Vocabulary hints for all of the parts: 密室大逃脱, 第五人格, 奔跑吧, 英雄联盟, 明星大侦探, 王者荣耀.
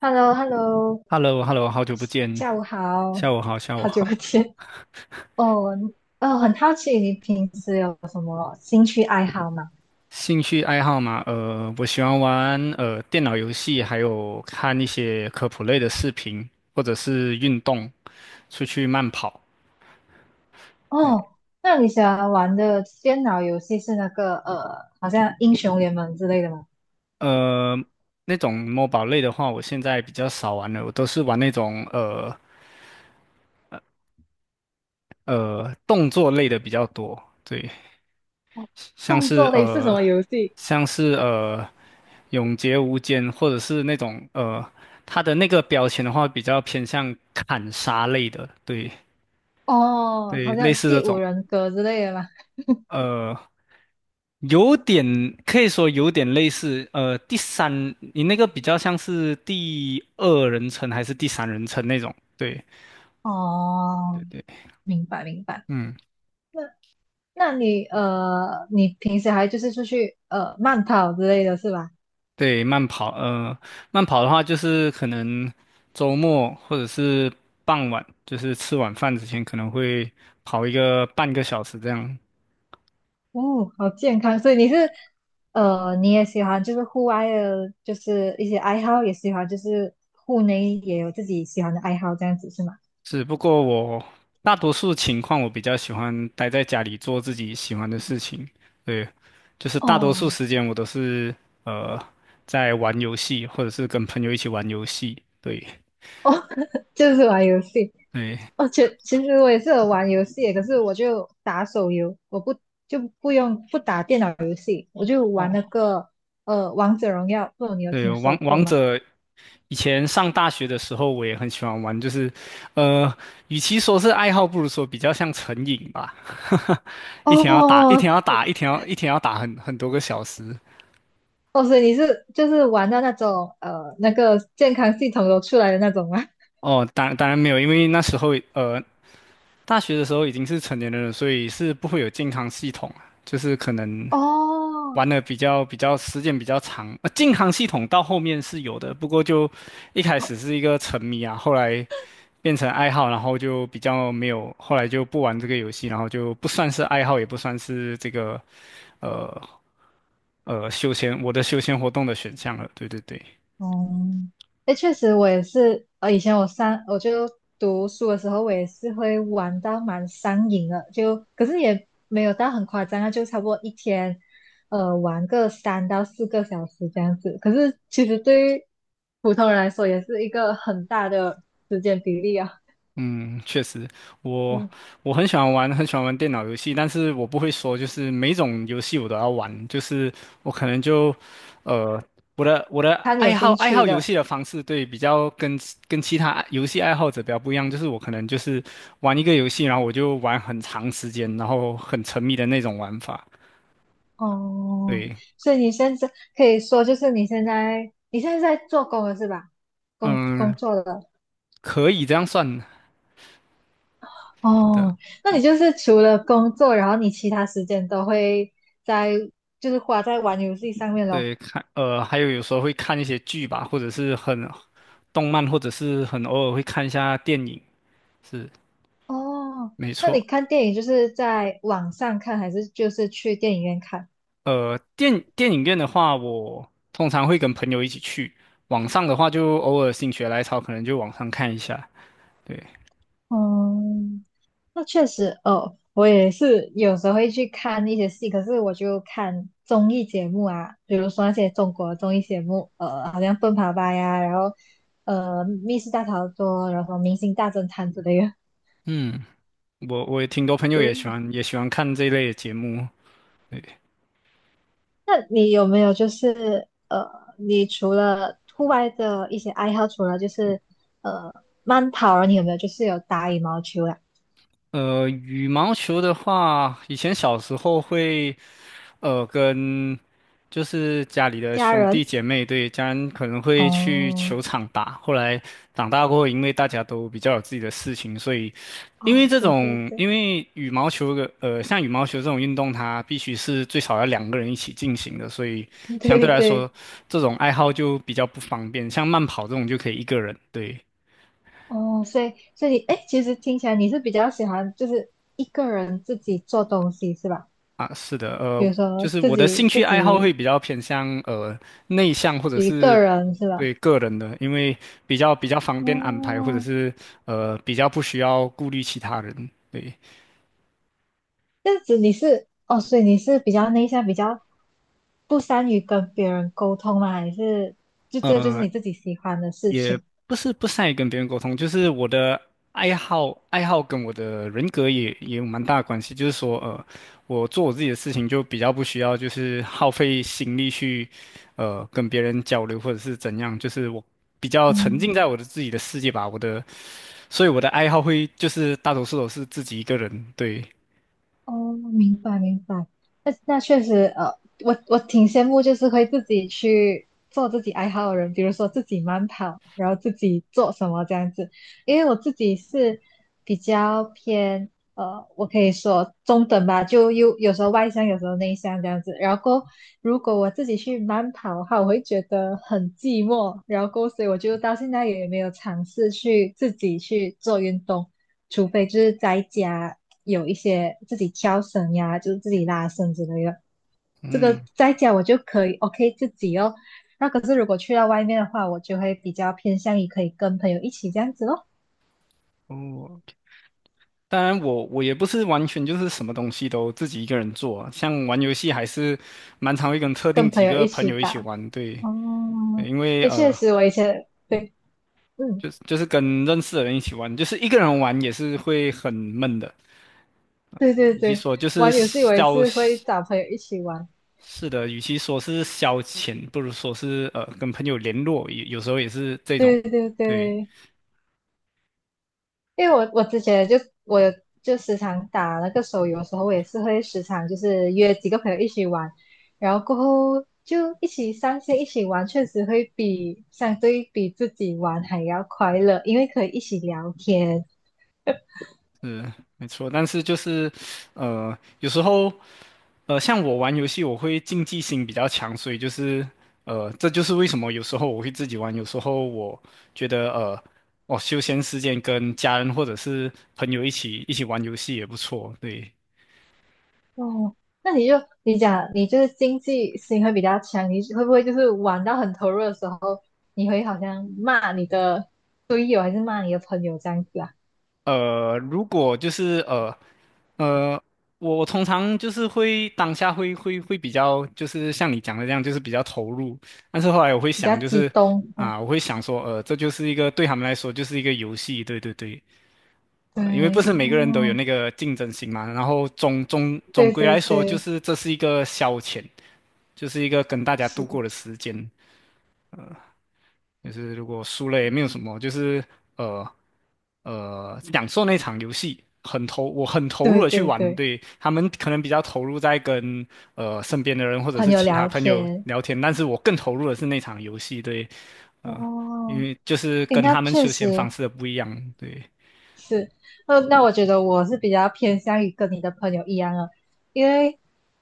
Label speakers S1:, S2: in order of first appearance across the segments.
S1: h e l l o h e l l o
S2: h e l l o h e l l o 好久不见，
S1: 下午好，
S2: 下午好，下午
S1: 好久不
S2: 好。
S1: 见。哦，哦，很好奇你平时有什么兴趣爱好吗？
S2: 兴趣爱好嘛，我喜欢玩电脑游戏，还有看一些科普类的视频，或者是运动，出去慢跑。对，
S1: 哦，那你喜欢玩的电脑游戏是那个好像英雄联盟之类的吗？
S2: 呃，那种 m 宝类的话，我现在比较少玩了，我都是玩那种动作类的比较多。对，像
S1: 动
S2: 是
S1: 作类是什
S2: 呃，
S1: 么游戏？
S2: 像是永劫无间，或者是那种它的那个标签的话，比较偏向砍杀类的，对
S1: 哦，
S2: 对，
S1: 好
S2: 类
S1: 像
S2: 似这
S1: 第五
S2: 种，
S1: 人格之类的吗？
S2: 呃，有点可以说有点类似，第三，你那个比较像是第二人称还是第三人称那种，对对
S1: 哦，
S2: 对，
S1: 明白明白。
S2: 嗯。
S1: 那那你平时还就是出去慢跑之类的是吧？
S2: 对，慢跑，慢跑的话就是可能周末或者是傍晚，就是吃晚饭之前可能会跑一个半个小时这样。
S1: 哦，好健康，所以你是，你也喜欢就是户外的，就是一些爱好，也喜欢就是户内也有自己喜欢的爱好，这样子是吗？
S2: 是，不过我大多数情况我比较喜欢待在家里做自己喜欢的事情。对，就是大多数
S1: 哦
S2: 时间我都是呃在玩游戏，或者是跟朋友一起玩游戏。对，
S1: 哦，就是玩游戏。
S2: 对，
S1: 哦，其实我也是有玩游戏的可是我就打手游，我不就不用不打电脑游戏，我就玩那
S2: 哦，
S1: 个《王者荣耀》，不知道你有
S2: 对，
S1: 听
S2: 王
S1: 说过
S2: 王
S1: 吗？
S2: 者以前上大学的时候，我也很喜欢玩，就是，呃，与其说是爱好，不如说比较像成瘾吧。一天要打，一
S1: 哦
S2: 天要打，一天要打很多个小时。
S1: 哦，所以你是就是玩到那种那个健康系统都出来的那种吗？
S2: 哦，当然没有，因为那时候大学的时候已经是成年人了，所以是不会有健康系统啊，就是可能
S1: 哦
S2: 玩的比较时间比较长。健康系统到后面是有的，不过就一开始是一个沉迷啊，后来变成爱好，然后就比较没有，后来就不玩这个游戏，然后就不算是爱好，也不算是这个呃我的休闲活动的选项了。对对对。
S1: 哦，哎，确实我也是，以前我就读书的时候，我也是会玩到蛮上瘾的，就可是也没有到很夸张啊，就差不多一天，玩个3到4个小时这样子。可是其实对于普通人来说，也是一个很大的时间比例啊。
S2: 嗯，确实，我
S1: 嗯，
S2: 我很喜欢玩，很喜欢玩电脑游戏，但是我不会说，就是每种游戏我都要玩，就是我可能就，呃，我的
S1: 看有
S2: 爱好
S1: 兴
S2: 爱好
S1: 趣
S2: 游
S1: 的
S2: 戏的方式，对，比较跟其他爱游戏爱好者比较不一样，就是我可能就是玩一个游戏，然后我就玩很长时间，然后很沉迷的那种玩法，
S1: 哦，
S2: 对，
S1: 所以你现在可以说，就是你现在在做工了是吧？工工
S2: 嗯，
S1: 作了。
S2: 可以这样算的，
S1: 哦，那你就是除了工作，然后你其他时间都会在，就是花在玩游戏上面咯。
S2: 对，看，还有有时候会看一些剧吧，或者是很动漫，或者是很偶尔会看一下电影，是
S1: 哦，
S2: 没
S1: 那你
S2: 错。
S1: 看电影就是在网上看，还是就是去电影院看？
S2: 电影院的话，我通常会跟朋友一起去；网上的话，就偶尔心血来潮，可能就网上看一下。对，
S1: 哦，那确实哦，我也是有时候会去看一些戏，可是我就看综艺节目啊，比如说那些中国综艺节目，好像《奔跑吧》呀，然后《密室大逃脱》，然后《明星大侦探》之类的。
S2: 我也挺多朋友也喜
S1: 对，
S2: 欢也喜欢看这一类的节目。对
S1: 那你有没有就是你除了户外的一些爱好，除了就是呃慢跑啊，你有没有就是有打羽毛球啊？
S2: 呃，羽毛球的话，以前小时候会，跟就是家里的
S1: 家
S2: 兄弟
S1: 人？
S2: 姐妹，对，家人可能会去
S1: 哦
S2: 球场打。后来长大过后，因为大家都比较有自己的事情，所以因为
S1: 哦，
S2: 这
S1: 对对
S2: 种，
S1: 对
S2: 因为羽毛球的，像羽毛球这种运动，它必须是最少要两个人一起进行的，所以 相对
S1: 对
S2: 来说，
S1: 对，
S2: 这种爱好就比较不方便。像慢跑这种就可以一个人，对。
S1: 哦，所以所以你哎，诶其实听起来你是比较喜欢就是一个人自己做东西是吧？
S2: 啊，是的，
S1: 比如说
S2: 就是
S1: 自
S2: 我的兴
S1: 己
S2: 趣
S1: 自
S2: 爱好会
S1: 己
S2: 比较偏向内向或者
S1: 一
S2: 是
S1: 个人是吧？
S2: 对个人的，因为比较方便安排，或者
S1: 哦，
S2: 是比较不需要顾虑其他人。对，
S1: 这样子你是哦，所以你是比较内向，比较不善于跟别人沟通吗？还是就这个就是
S2: 呃。
S1: 你自己喜欢的事
S2: 也
S1: 情？
S2: 不是不善于跟别人沟通，就是我的爱好跟我的人格也有蛮大的关系。就是说，我做我自己的事情就比较不需要，就是耗费心力去，跟别人交流或者是怎样。就是我比较沉
S1: 嗯
S2: 浸在我的自己的世界吧，我的，所以我的爱好会就是大多数都是自己一个人。对，
S1: 哦，明白明白，那确实，我挺羡慕，就是会自己去做自己爱好的人，比如说自己慢跑，然后自己做什么这样子。因为我自己是比较偏，我可以说中等吧，就又有时候外向，有时候内向这样子。然后过后如果我自己去慢跑的话，我会觉得很寂寞，然后过后所以我就到现在也没有尝试去自己去做运动。除非就是在家有一些自己挑绳呀，就是自己拉绳之类的。这个
S2: 嗯，
S1: 在家我就可以 OK 自己哦。那可是如果去到外面的话，我就会比较偏向于可以跟朋友一起这样子咯，
S2: 哦，当然我也不是完全就是什么东西都自己一个人做啊像玩游戏还是蛮常会跟特定
S1: 跟朋
S2: 几
S1: 友
S2: 个
S1: 一
S2: 朋
S1: 起
S2: 友一起
S1: 打。
S2: 玩，对，
S1: 哦，
S2: 因为
S1: 也确实，我以前对，嗯，
S2: 就是跟认识的人一起玩，就是一个人玩也是会很闷的，
S1: 对对
S2: 与其
S1: 对，
S2: 说就是
S1: 玩游戏我也
S2: 消，
S1: 是会找朋友一起玩。
S2: 是的，与其说是消遣，不如说是跟朋友联络，有时候也是这种，
S1: 对对
S2: 对。
S1: 对。因为我之前就我有就时常打那个手游的时候，我也是会时常就是约几个朋友一起玩，然后过后就一起上线一起玩，确实会比相对比自己玩还要快乐，因为可以一起聊天。
S2: 是没错，但是就是有时候像我玩游戏，我会竞技心比较强，所以就是这就是为什么有时候我会自己玩，有时候我觉得我休闲时间跟家人或者是朋友一起玩游戏也不错，对。
S1: 哦，那你讲你就是经济心会比较强，你会不会就是玩到很投入的时候，你会好像骂你的队友还是骂你的朋友这样子啊？
S2: 如果就是呃，我通常就是会当下会比较就是像你讲的这样，就是比较投入。但是后来我会
S1: 比较
S2: 想，就
S1: 激
S2: 是
S1: 动。
S2: 啊，我会想说，这就是一个对他们来说就是一个游戏，对对对，
S1: 对，
S2: 因为不是每个人都有
S1: 哦，
S2: 那个竞争心嘛。然后总总总
S1: 对
S2: 归
S1: 对
S2: 来说，就
S1: 对。
S2: 是这是一个消遣，就是一个跟大家
S1: 是
S2: 度
S1: 的
S2: 过的时间。就是如果输了也没有什么，就是呃享受那场游戏，我很投入
S1: 对
S2: 的去
S1: 对
S2: 玩，
S1: 对，
S2: 对他们可能比较投入在跟身边的人或者
S1: 朋
S2: 是
S1: 友
S2: 其他
S1: 聊
S2: 朋友
S1: 天，
S2: 聊天，但是我更投入的是那场游戏，对，呃，因
S1: 哦，
S2: 为就是
S1: 诶，
S2: 跟
S1: 那
S2: 他们
S1: 确
S2: 休闲方
S1: 实，
S2: 式的不一样，对，
S1: 是，那我觉得我是比较偏向于跟你的朋友一样的，因为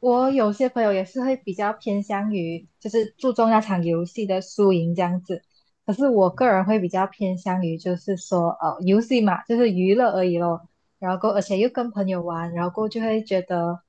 S1: 我有些朋友也是会比较偏向于就是注重那场游戏的输赢这样子，可是我个人会比较偏向于就是说游戏嘛，就是娱乐而已咯，然后过而且又跟朋友玩，然后过后就会觉得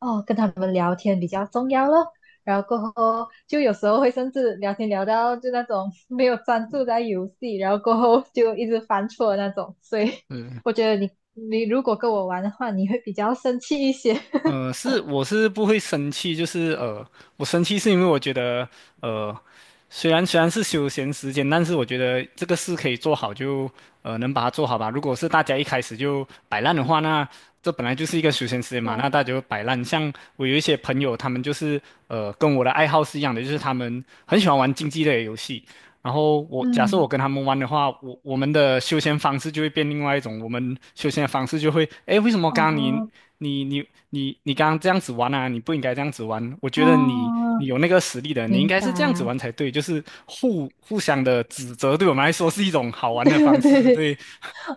S1: 哦跟他们聊天比较重要咯。然后过后就有时候会甚至聊天聊到就那种没有专注在游戏，然后过后就一直犯错的那种，所以
S2: 嗯。
S1: 我觉得你如果跟我玩的话，你会比较生气一些。
S2: 是我是不会生气，就是我生气是因为我觉得呃，虽然是休闲时间，但是我觉得这个事可以做好就能把它做好吧。如果是大家一开始就摆烂的话，那这本来就是一个休闲时间嘛，
S1: 那
S2: 那大家就摆烂。像我有一些朋友，他们就是跟我的爱好是一样的，就是他们很喜欢玩竞技类的游戏。然后我假设我
S1: 嗯，
S2: 跟他们玩的话，我们的休闲方式就会变另外一种。我们休闲的方式就会，诶，为什么刚刚
S1: 哦
S2: 你你你刚刚这样子玩啊？你不应该这样子玩。我觉得你
S1: 哦，
S2: 你有那个实力的，你应
S1: 明
S2: 该是这样子
S1: 白，
S2: 玩才对。就是互相的指责，对我们来说是一种好 玩的方
S1: 对对
S2: 式。
S1: 对，
S2: 对，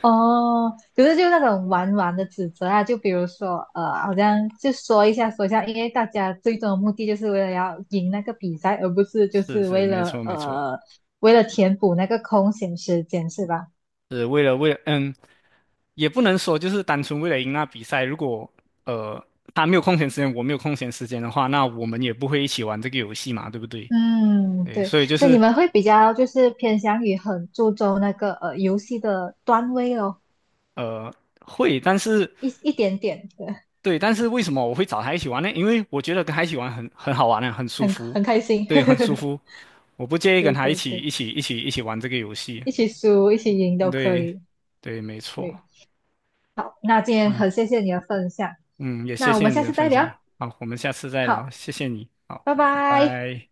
S1: 哦，可是就那种玩玩的指责啊，就比如说好像就说一下说一下，因为大家最终的目的就是为了要赢那个比赛，而不是就
S2: 是
S1: 是
S2: 是，
S1: 为
S2: 没
S1: 了
S2: 错没错，
S1: 呃为了填补那个空闲时间，是吧？
S2: 是为了。嗯，也不能说就是单纯为了赢那比赛。如果呃他没有空闲时间，我没有空闲时间的话，那我们也不会一起玩这个游戏嘛，对不对？
S1: 嗯，
S2: 对，
S1: 对，
S2: 所以就
S1: 所以你
S2: 是
S1: 们会比较就是偏向于很注重那个游戏的段位哦。
S2: 呃会，但是
S1: 一点点，对，
S2: 对，但是为什么我会找他一起玩呢？因为我觉得跟他一起玩很好玩啊，很舒
S1: 很
S2: 服，
S1: 很开心。
S2: 对，很舒 服。我不介意跟
S1: 对
S2: 他一
S1: 对
S2: 起
S1: 对，
S2: 一起一起一起玩这个游戏。
S1: 一起输一起赢都可
S2: 对，
S1: 以。
S2: 对，没错。
S1: 对，好，那今天
S2: 嗯
S1: 很谢谢你的分享，
S2: 嗯，也谢
S1: 那我
S2: 谢
S1: 们
S2: 你
S1: 下
S2: 的
S1: 次再
S2: 分享。
S1: 聊。
S2: 好，我们下次再聊，
S1: 好，
S2: 谢谢你。好，
S1: 拜
S2: 拜
S1: 拜。
S2: 拜。